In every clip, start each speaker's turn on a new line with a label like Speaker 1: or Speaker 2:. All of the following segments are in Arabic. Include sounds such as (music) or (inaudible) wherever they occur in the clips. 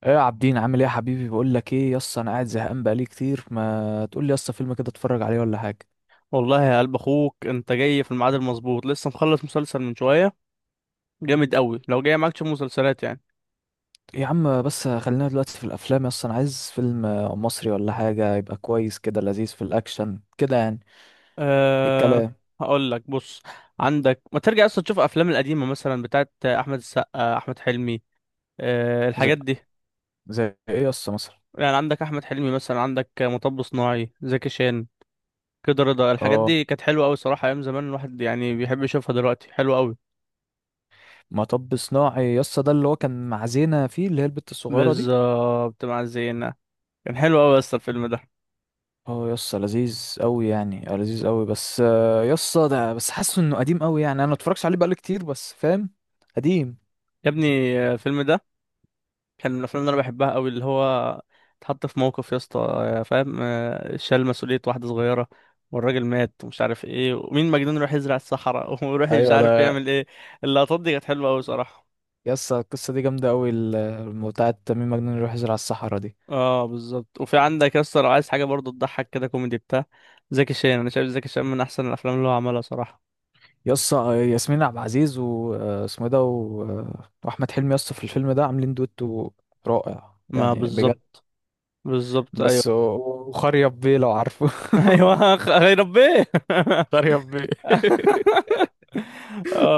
Speaker 1: ايه يا عابدين؟ عامل ايه يا حبيبي؟ بقول لك ايه يس، انا قاعد زهقان بقالي كتير. ما تقول لي يس فيلم كده اتفرج عليه ولا حاجه.
Speaker 2: والله يا قلب اخوك، انت جاي في الميعاد المظبوط. لسه مخلص مسلسل من شويه، جامد قوي. لو جاي معاك تشوف مسلسلات يعني.
Speaker 1: يا عم بس خلينا دلوقتي في الافلام، يس انا عايز فيلم مصري ولا حاجه يبقى كويس كده، لذيذ في الاكشن كده يعني. ايه
Speaker 2: أه
Speaker 1: الكلام؟
Speaker 2: هقول لك، بص، عندك ما ترجع اصلا تشوف افلام القديمه مثلا، بتاعت احمد السقا، احمد حلمي.
Speaker 1: زي,
Speaker 2: الحاجات دي.
Speaker 1: زي ايه يس مثلا؟
Speaker 2: يعني عندك احمد حلمي مثلا، عندك مطب صناعي، زكي شان، كده رضا، الحاجات
Speaker 1: اه،
Speaker 2: دي كانت حلوه قوي صراحه. ايام زمان الواحد يعني بيحب يشوفها، دلوقتي حلوه قوي.
Speaker 1: مطب صناعي يس، ده اللي هو كان مع زينة فيه، اللي هي البت الصغيره دي.
Speaker 2: بالظبط، مع الزينه. كان حلو قوي اصلا الفيلم ده.
Speaker 1: اه يس لذيذ قوي يعني، لذيذ قوي، بس يس ده بس حاسه انه قديم قوي يعني. انا ما اتفرجش عليه بقالي كتير، بس فاهم قديم.
Speaker 2: يا ابني، الفيلم ده كان من الافلام اللي انا بحبها قوي، اللي هو اتحط في موقف يا اسطى، فاهم، شال مسؤولية واحدة صغيرة، والراجل مات ومش عارف ايه، ومين مجنون يروح يزرع الصحراء (laughs) ويروح مش
Speaker 1: ايوه
Speaker 2: عارف
Speaker 1: ده
Speaker 2: يعمل ايه. اللقطات دي كانت حلوة قوي صراحة.
Speaker 1: يسا، القصة دي جامدة أوي، بتاعة تميم مجنون يروح يزرع الصحراء دي.
Speaker 2: اه بالظبط. وفي عندك يا اسطى، لو عايز حاجة برضه تضحك كده، كوميدي بتاع زكي شان. انا شايف زكي شان من احسن الافلام اللي هو عملها صراحة.
Speaker 1: يسا ياسمين عبد العزيز واسمه ده وأحمد حلمي يسا في الفيلم ده عاملين دويتو رائع
Speaker 2: ما
Speaker 1: يعني بجد.
Speaker 2: بالظبط. بالظبط ايوه.
Speaker 1: بس وخريف بيه لو عارفه.
Speaker 2: (laughs) ايوه، يا ربي. (laughs)
Speaker 1: (laughs) خريف بيه (laughs)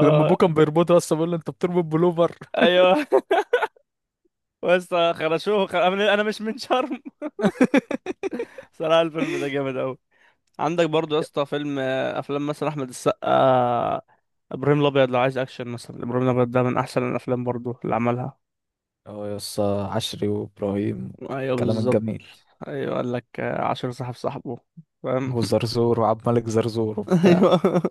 Speaker 1: لما أبوه كان بيربطه يسا بيقول له أنت بتربط بلوفر.
Speaker 2: ايوه بس خرشوه، خ... انا أنا مش من شرم. (laughs)
Speaker 1: (laughs)
Speaker 2: صراحه الفيلم ده جامد قوي. عندك برضو يا اسطى فيلم، افلام مثلا احمد السقا. ابراهيم الابيض لو عايز اكشن مثلا. ابراهيم الابيض ده من احسن الافلام برضو اللي عملها.
Speaker 1: اه يسا، عشري وإبراهيم،
Speaker 2: ايوه
Speaker 1: كلام
Speaker 2: بالظبط.
Speaker 1: الجميل،
Speaker 2: ايوه قال لك، عشر صاحب صاحبه، فاهم.
Speaker 1: وزرزور وعبد الملك زرزور
Speaker 2: (laughs)
Speaker 1: وبتاع.
Speaker 2: ايوه.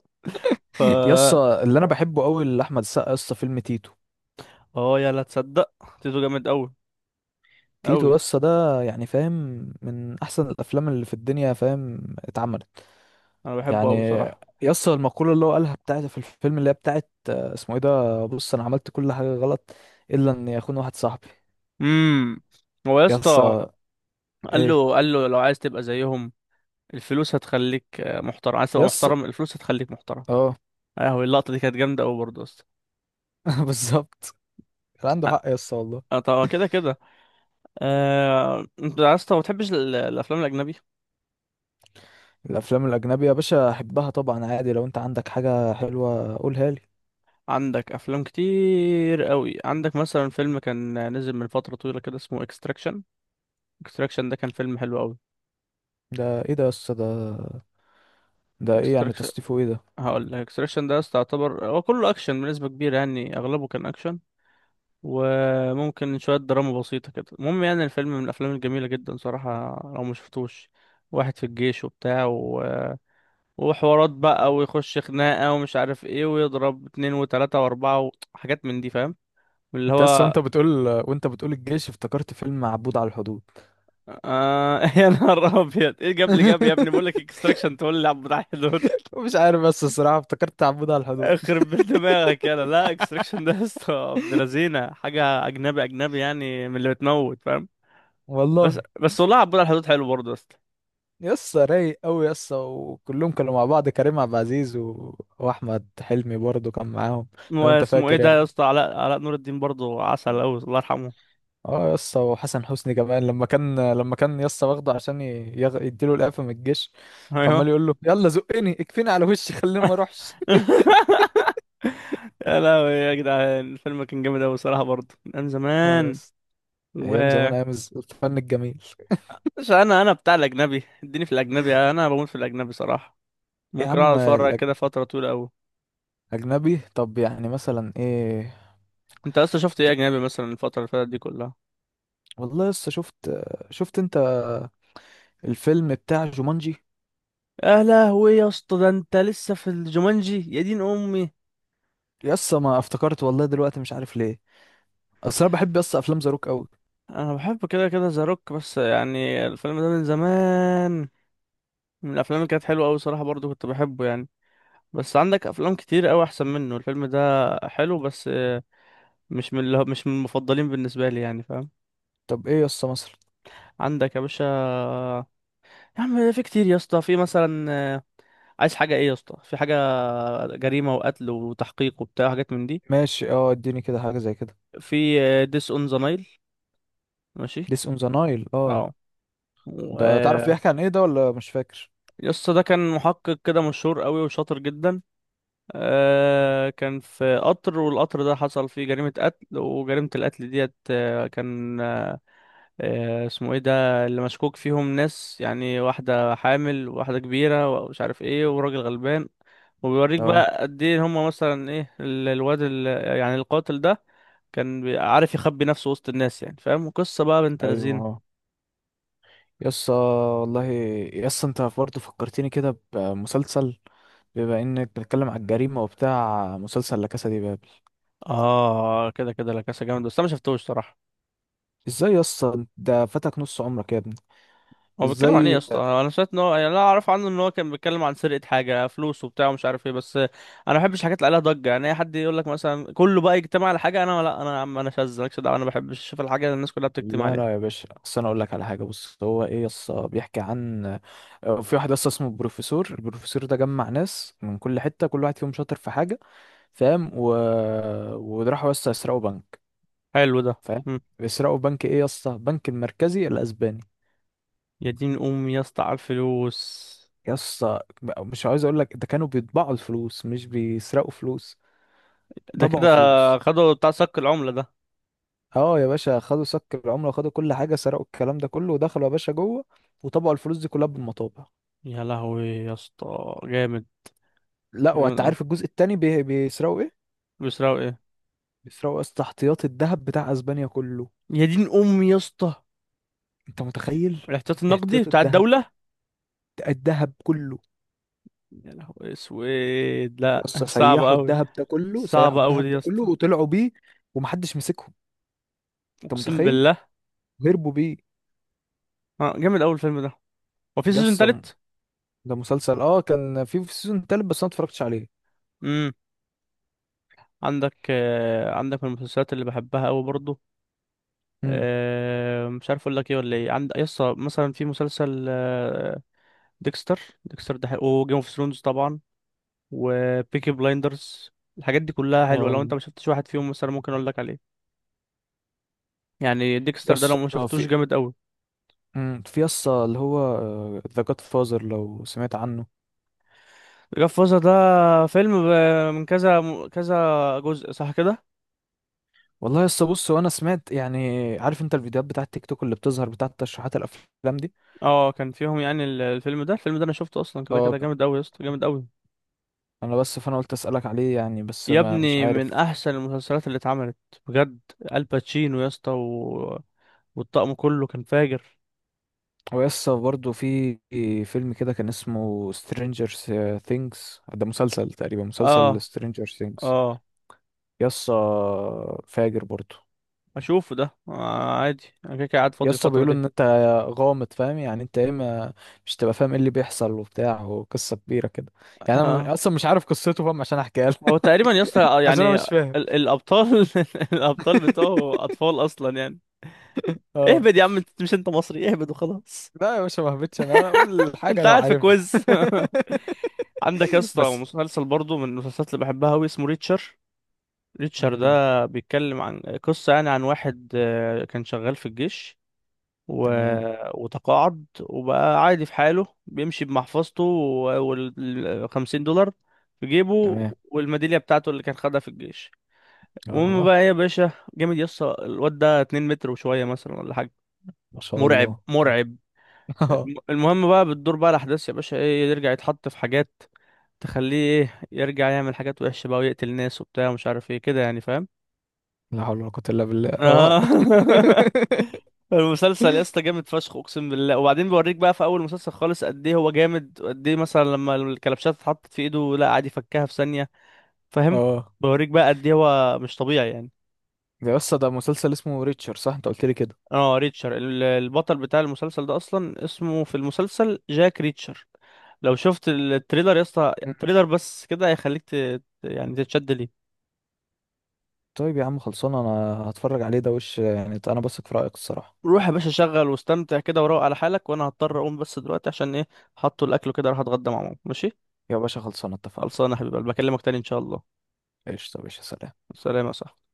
Speaker 2: ف
Speaker 1: يسا اللي أنا بحبه أوي لأحمد السقا يسا فيلم تيتو.
Speaker 2: اه يا لا تصدق، تيتو جامد قوي قوي.
Speaker 1: تيتو يسا ده يعني فاهم من احسن الافلام اللي في الدنيا فاهم اتعملت
Speaker 2: انا بحبه
Speaker 1: يعني.
Speaker 2: قوي صراحه.
Speaker 1: يسا المقولة اللي هو قالها بتاعت في الفيلم، اللي هي بتاعت، اسمه ايه ده، بص، انا عملت كل حاجة غلط الا ان يخون واحد صاحبي.
Speaker 2: امم هو يا اسطى،
Speaker 1: يسا،
Speaker 2: قال
Speaker 1: ايه؟
Speaker 2: له قال له لو عايز تبقى زيهم الفلوس هتخليك محترم. عايز تبقى
Speaker 1: يسا،
Speaker 2: محترم، الفلوس هتخليك محترم.
Speaker 1: اه.
Speaker 2: اهو اللقطه دي كانت جامده قوي برضه اصلا.
Speaker 1: (laughs) بالظبط، كان عنده حق يسا والله.
Speaker 2: طب كده كده، انت عايز، طب ما بتحبش الافلام الاجنبي؟
Speaker 1: الافلام الاجنبية يا باشا احبها طبعا عادي، لو انت عندك حاجة حلوة قولها لي.
Speaker 2: عندك افلام كتير قوي، عندك مثلا فيلم كان نزل من فتره طويله كده، اسمه اكستراكشن. اكستراكشن ده كان فيلم حلو قوي.
Speaker 1: ده ايه ده يسا ده؟ ده ايه يعني
Speaker 2: اكستراكشن،
Speaker 1: تصنيفه ايه ده؟
Speaker 2: هقول لك، اكستراكشن ده أصلا يعتبر هو كله اكشن بنسبه كبيره، يعني اغلبه كان اكشن وممكن شويه دراما بسيطه كده. المهم يعني الفيلم من الافلام الجميله جدا صراحه لو ما شفتوش. واحد في الجيش وبتاع، وحوارات بقى، ويخش خناقة ومش عارف ايه، ويضرب اتنين وتلاتة واربعة وحاجات من دي، فاهم، اللي
Speaker 1: انت اصلا،
Speaker 2: هو.
Speaker 1: وانت بتقول، وانت بتقول الجيش، افتكرت فيلم عبود على الحدود.
Speaker 2: (laughs) يا نهار ابيض، ايه جاب لي؟ جاب يا ابني بقول لك
Speaker 1: (laughs)
Speaker 2: اكستراكشن تقول لي عبد الحي دول!
Speaker 1: مش عارف، بس الصراحة افتكرت عبود على الحدود.
Speaker 2: اخرب بيت دماغك، يلا لا، اكستراكشن ده يا اسطى ابن لذينه، حاجة اجنبي اجنبي يعني، من اللي بتموت، فاهم. بس
Speaker 1: والله
Speaker 2: بس والله عبود على الحدود حلو برضه يا اسطى.
Speaker 1: يسا رايق قوي يسا، وكلهم كانوا مع بعض: كريم عبد العزيز واحمد حلمي برضو كان معاهم لو انت
Speaker 2: واسمه ايه
Speaker 1: فاكر
Speaker 2: ده
Speaker 1: يعني.
Speaker 2: يا اسطى، علاء نور الدين برضه عسل قوي، الله يرحمه.
Speaker 1: اه يسا، وحسن حسني كمان، لما كان يسا واخده عشان يديله القفا من الجيش. فعمال
Speaker 2: ايوه.
Speaker 1: يقول له يلا زقني اكفيني على وشي خليني ما اروحش. (laughs)
Speaker 2: (laughs) يا لهوي يا جدعان، الفيلم كان جامد أوي الصراحة برضه من أيام
Speaker 1: اه
Speaker 2: زمان.
Speaker 1: يسا،
Speaker 2: و
Speaker 1: ايام زمان، ايام الفن الجميل.
Speaker 2: مش أنا بتاع الأجنبي، اديني في الأجنبي، أنا بموت في الأجنبي صراحة.
Speaker 1: يا
Speaker 2: ممكن
Speaker 1: عم
Speaker 2: أقعد أتفرج كده فترة طويلة أوي.
Speaker 1: اجنبي طب يعني مثلا ايه؟
Speaker 2: أنت أصلا شفت إيه أجنبي مثلا الفترة اللي فاتت دي كلها؟
Speaker 1: والله لسه شفت، شفت انت الفيلم بتاع جومانجي؟
Speaker 2: يا لهوي يا اسطى، ده أنت لسه في الجومانجي يا دين أمي!
Speaker 1: يسا ما افتكرت والله دلوقتي مش عارف ليه، اصل انا بحب يسا افلام زاروك قوي.
Speaker 2: أنا بحب كده كده ذا روك، بس يعني الفيلم ده من زمان، من الأفلام اللي كانت حلوة أوي صراحة، برضه كنت بحبه يعني. بس عندك أفلام كتير أوي أحسن منه. الفيلم ده حلو، بس مش من المفضلين بالنسبة لي، يعني فاهم.
Speaker 1: طب ايه يسا مثلا؟
Speaker 2: عندك يا باشا، يا عم في كتير يا اسطى، في مثلا، آه، عايز حاجة ايه يا اسطى، في حاجة جريمة وقتل وتحقيق وبتاع وحاجات من دي.
Speaker 1: ماشي، اه، اديني كده حاجه زي كده.
Speaker 2: في ديس اون ذا نايل، ماشي.
Speaker 1: ديس اون ذا نايل، اه.
Speaker 2: اه. و-
Speaker 1: ده تعرف
Speaker 2: آه،
Speaker 1: بيحكي عن ايه ده ولا مش فاكر؟
Speaker 2: يا اسطى ده كان محقق كده مشهور قوي، وشاطر جدا. كان في قطر، والقطر ده حصل فيه جريمة قتل، وجريمة القتل ديت، كان اسمه ايه ده، اللي مشكوك فيهم ناس، يعني واحدة حامل وواحدة كبيرة ومش عارف ايه، وراجل غلبان. وبيوريك
Speaker 1: اه،
Speaker 2: بقى قد ايه هما مثلا ايه، يعني القاتل ده، كان عارف يخبي نفسه وسط الناس، يعني فاهم قصة بقى، بنت
Speaker 1: ايوه
Speaker 2: لذينه.
Speaker 1: اه يسا، والله يسا، انت برضه فكرتني كده بمسلسل، بما انك بتتكلم على الجريمه وبتاع، مسلسل لا كاسا دي بابل.
Speaker 2: اه كده كده، لا كاسا جامد بس انا ما شفتوش صراحة.
Speaker 1: ازاي يسا ده فاتك نص عمرك يا ابني؟
Speaker 2: هو بيتكلم عن ايه يا
Speaker 1: ازاي؟
Speaker 2: اسطى؟ انا سمعت ان هو يعني، انا اعرف عنه ان هو كان بيتكلم عن سرقه حاجه، فلوس وبتاع ومش عارف ايه. بس انا ما بحبش الحاجات اللي عليها ضجه، يعني اي حد يقول لك مثلا كله بقى يجتمع على حاجه، انا لا، انا يا عم انا شاذ مالكش دعوه، انا ما بحبش اشوف الحاجه اللي الناس كلها بتجتمع
Speaker 1: لا
Speaker 2: عليها.
Speaker 1: لا يا باشا، اصل انا اقول لك على حاجه. بص هو ايه يس، بيحكي عن في واحد يس اسمه البروفيسور. البروفيسور ده جمع ناس من كل حته، كل واحد فيهم شاطر في حاجه فاهم، وراحوا يس يسرقوا بنك
Speaker 2: حلو ده.
Speaker 1: فاهم.
Speaker 2: مم.
Speaker 1: بيسرقوا بنك ايه يس؟ بنك المركزي الاسباني.
Speaker 2: يا دين امي يا اسطى، على الفلوس.
Speaker 1: يس مش عايز اقول لك ده، كانوا بيطبعوا الفلوس مش بيسرقوا فلوس.
Speaker 2: ده
Speaker 1: طبعوا
Speaker 2: كده
Speaker 1: فلوس.
Speaker 2: خدوا بتاع صك العمله ده.
Speaker 1: اه يا باشا، خدوا سك العمله وخدوا كل حاجه، سرقوا الكلام ده كله، ودخلوا يا باشا جوه، وطبعوا الفلوس دي كلها بالمطابع.
Speaker 2: يا لهوي يا اسطى، جامد.
Speaker 1: لا
Speaker 2: جامد
Speaker 1: وانت
Speaker 2: اه.
Speaker 1: عارف الجزء التاني بيسرقوا ايه؟
Speaker 2: بيسرقوا ايه؟
Speaker 1: بيسرقوا يا اسطى احتياط الذهب بتاع اسبانيا كله.
Speaker 2: يا دين امي يا اسطى،
Speaker 1: انت متخيل؟
Speaker 2: الاحتياط النقدي
Speaker 1: احتياط
Speaker 2: بتاع
Speaker 1: الذهب،
Speaker 2: الدوله.
Speaker 1: الذهب كله.
Speaker 2: يا لهوي اسود
Speaker 1: يا
Speaker 2: لا
Speaker 1: اسطى
Speaker 2: (laughs) صعب
Speaker 1: سيحوا
Speaker 2: قوي.
Speaker 1: الذهب ده كله، سيحوا
Speaker 2: صعبة أوي دي
Speaker 1: الذهب
Speaker 2: يا
Speaker 1: ده كله
Speaker 2: اسطى.
Speaker 1: وطلعوا بيه، ومحدش مسكهم. انت
Speaker 2: أقسم
Speaker 1: متخيل؟
Speaker 2: بالله.
Speaker 1: هربوا بيه.
Speaker 2: آه جامد أوي الفيلم ده. وفي
Speaker 1: يا
Speaker 2: سيزون
Speaker 1: اسطى
Speaker 2: تالت؟
Speaker 1: ده مسلسل، اه، كان في سيزون تالت بس انا اتفرجتش عليه.
Speaker 2: امم عندك، عندك من المسلسلات اللي بحبها أوي برضو،
Speaker 1: امم،
Speaker 2: مش عارف أقول لك إيه ولا إيه. عند يا اسطى مثلا في مسلسل، ديكستر. ديكستر ده حلو، وجيم أوف ثرونز طبعا، وبيكي بلايندرز، الحاجات دي كلها حلوة. لو
Speaker 1: اه
Speaker 2: أنت ما شفتش واحد فيهم مثلا ممكن أقول لك عليه. يعني
Speaker 1: يا
Speaker 2: ديكستر ده
Speaker 1: اسطى
Speaker 2: لو ما شفتوش،
Speaker 1: في،
Speaker 2: جامد أوي.
Speaker 1: امم، في يا اسطى اللي هو ذا جاد فازر لو سمعت عنه.
Speaker 2: جاد فازر ده فيلم من كذا كذا جزء، صح كده.
Speaker 1: والله يا اسطى بص، وانا سمعت يعني، عارف انت الفيديوهات بتاعه تيك توك اللي بتظهر بتاعه تشريحات الافلام دي.
Speaker 2: اه كان فيهم يعني الفيلم ده، الفيلم ده انا شفته اصلا كده
Speaker 1: اه
Speaker 2: كده،
Speaker 1: ك-
Speaker 2: جامد قوي يا اسطى، جامد قوي.
Speaker 1: انا بس، فانا قلت اسالك عليه يعني، بس
Speaker 2: يا
Speaker 1: ما مش
Speaker 2: ابني
Speaker 1: عارف.
Speaker 2: من احسن المسلسلات اللي اتعملت بجد. الباتشينو يا اسطى، والطقم كله كان فاجر.
Speaker 1: هو يا اسطى برضه في فيلم كده كان اسمه سترينجر ثينجز، ده مسلسل تقريبا، مسلسل
Speaker 2: اه.
Speaker 1: سترينجر ثينجز.
Speaker 2: اه
Speaker 1: يا اسطى فاجر برضه.
Speaker 2: اشوفه ده، آه عادي انا كده كده قاعد
Speaker 1: يا
Speaker 2: فاضي
Speaker 1: اسطى
Speaker 2: الفترة
Speaker 1: بيقولوا
Speaker 2: دي.
Speaker 1: ان انت غامض فاهم يعني، انت ايه، ما مش تبقى فاهم ايه اللي بيحصل وبتاع، وقصه كبيره كده يعني.
Speaker 2: اه.
Speaker 1: اصلا مش عارف قصته فاهم عشان احكيها
Speaker 2: هو
Speaker 1: لك.
Speaker 2: تقريبا يا اسطى،
Speaker 1: (laughs) عشان انا
Speaker 2: يعني
Speaker 1: مش فاهم.
Speaker 2: الابطال (laughs) الابطال بتوعه
Speaker 1: (laughs)
Speaker 2: اطفال اصلا يعني.
Speaker 1: اه،
Speaker 2: اهبد يا عم، انت مش انت مصري، اهبد وخلاص.
Speaker 1: لا يا باشا ما هبتش، انا اقول حاجه
Speaker 2: انت
Speaker 1: لو
Speaker 2: قاعد في كويز.
Speaker 1: عارفها.
Speaker 2: (laughs) عندك يا
Speaker 1: (laughs)
Speaker 2: اسطى
Speaker 1: بس،
Speaker 2: مسلسل برضه من المسلسلات اللي بحبها قوي، اسمه ريتشر. ريتشارد
Speaker 1: مم.
Speaker 2: ده بيتكلم عن قصة يعني، عن واحد كان شغال في الجيش و...
Speaker 1: تمام،
Speaker 2: وتقاعد وبقى عادي في حاله، بيمشي بمحفظته والخمسين دولار في جيبه،
Speaker 1: تمام،
Speaker 2: والميدالية بتاعته اللي كان خدها في الجيش. المهم
Speaker 1: اه.
Speaker 2: بقى ايه يا باشا، جامد يسطا، الواد ده 2 متر وشوية مثلا ولا حاجة،
Speaker 1: ما شاء
Speaker 2: مرعب
Speaker 1: الله.
Speaker 2: مرعب.
Speaker 1: (laughs) اه،
Speaker 2: المهم بقى بتدور بقى الأحداث يا باشا، ايه يرجع يتحط في حاجات تخليه ايه يرجع يعمل حاجات وحشة بقى، ويقتل ناس وبتاع ومش عارف ايه كده، يعني فاهم.
Speaker 1: لا حول ولا قوه الا بالله، اه.
Speaker 2: اه. (laughs)
Speaker 1: (laughs)
Speaker 2: المسلسل يا اسطى جامد فشخ، اقسم بالله. وبعدين بوريك بقى في اول مسلسل خالص قد ايه هو جامد، قد ايه مثلا لما الكلبشات اتحطت في ايده لا عادي فكها في ثانيه، فاهم.
Speaker 1: اه،
Speaker 2: بوريك بقى قد ايه هو مش طبيعي يعني.
Speaker 1: ده، بس ده مسلسل اسمه ريتشر صح، انت قلت لي كده؟
Speaker 2: اه ريتشر، البطل بتاع المسلسل ده اصلا اسمه في المسلسل جاك ريتشر. لو شفت التريلر يا اسطى،
Speaker 1: مم.
Speaker 2: التريلر بس كده هيخليك يعني تتشد ليه.
Speaker 1: طيب يا عم خلصانه، انا هتفرج عليه ده وش يعني، انا بثق في رايك الصراحه.
Speaker 2: روح يا باشا شغل واستمتع كده وروق على حالك. وانا هضطر اقوم بس دلوقتي عشان ايه، حطوا الاكل كده، راح اتغدى مع ماما، ماشي.
Speaker 1: يا باشا خلصانه، اتفقنا.
Speaker 2: خلصانه يا حبيبي، بكلمك تاني ان شاء الله.
Speaker 1: ايش طب يا باشا، سلام.
Speaker 2: سلام يا صاحبي.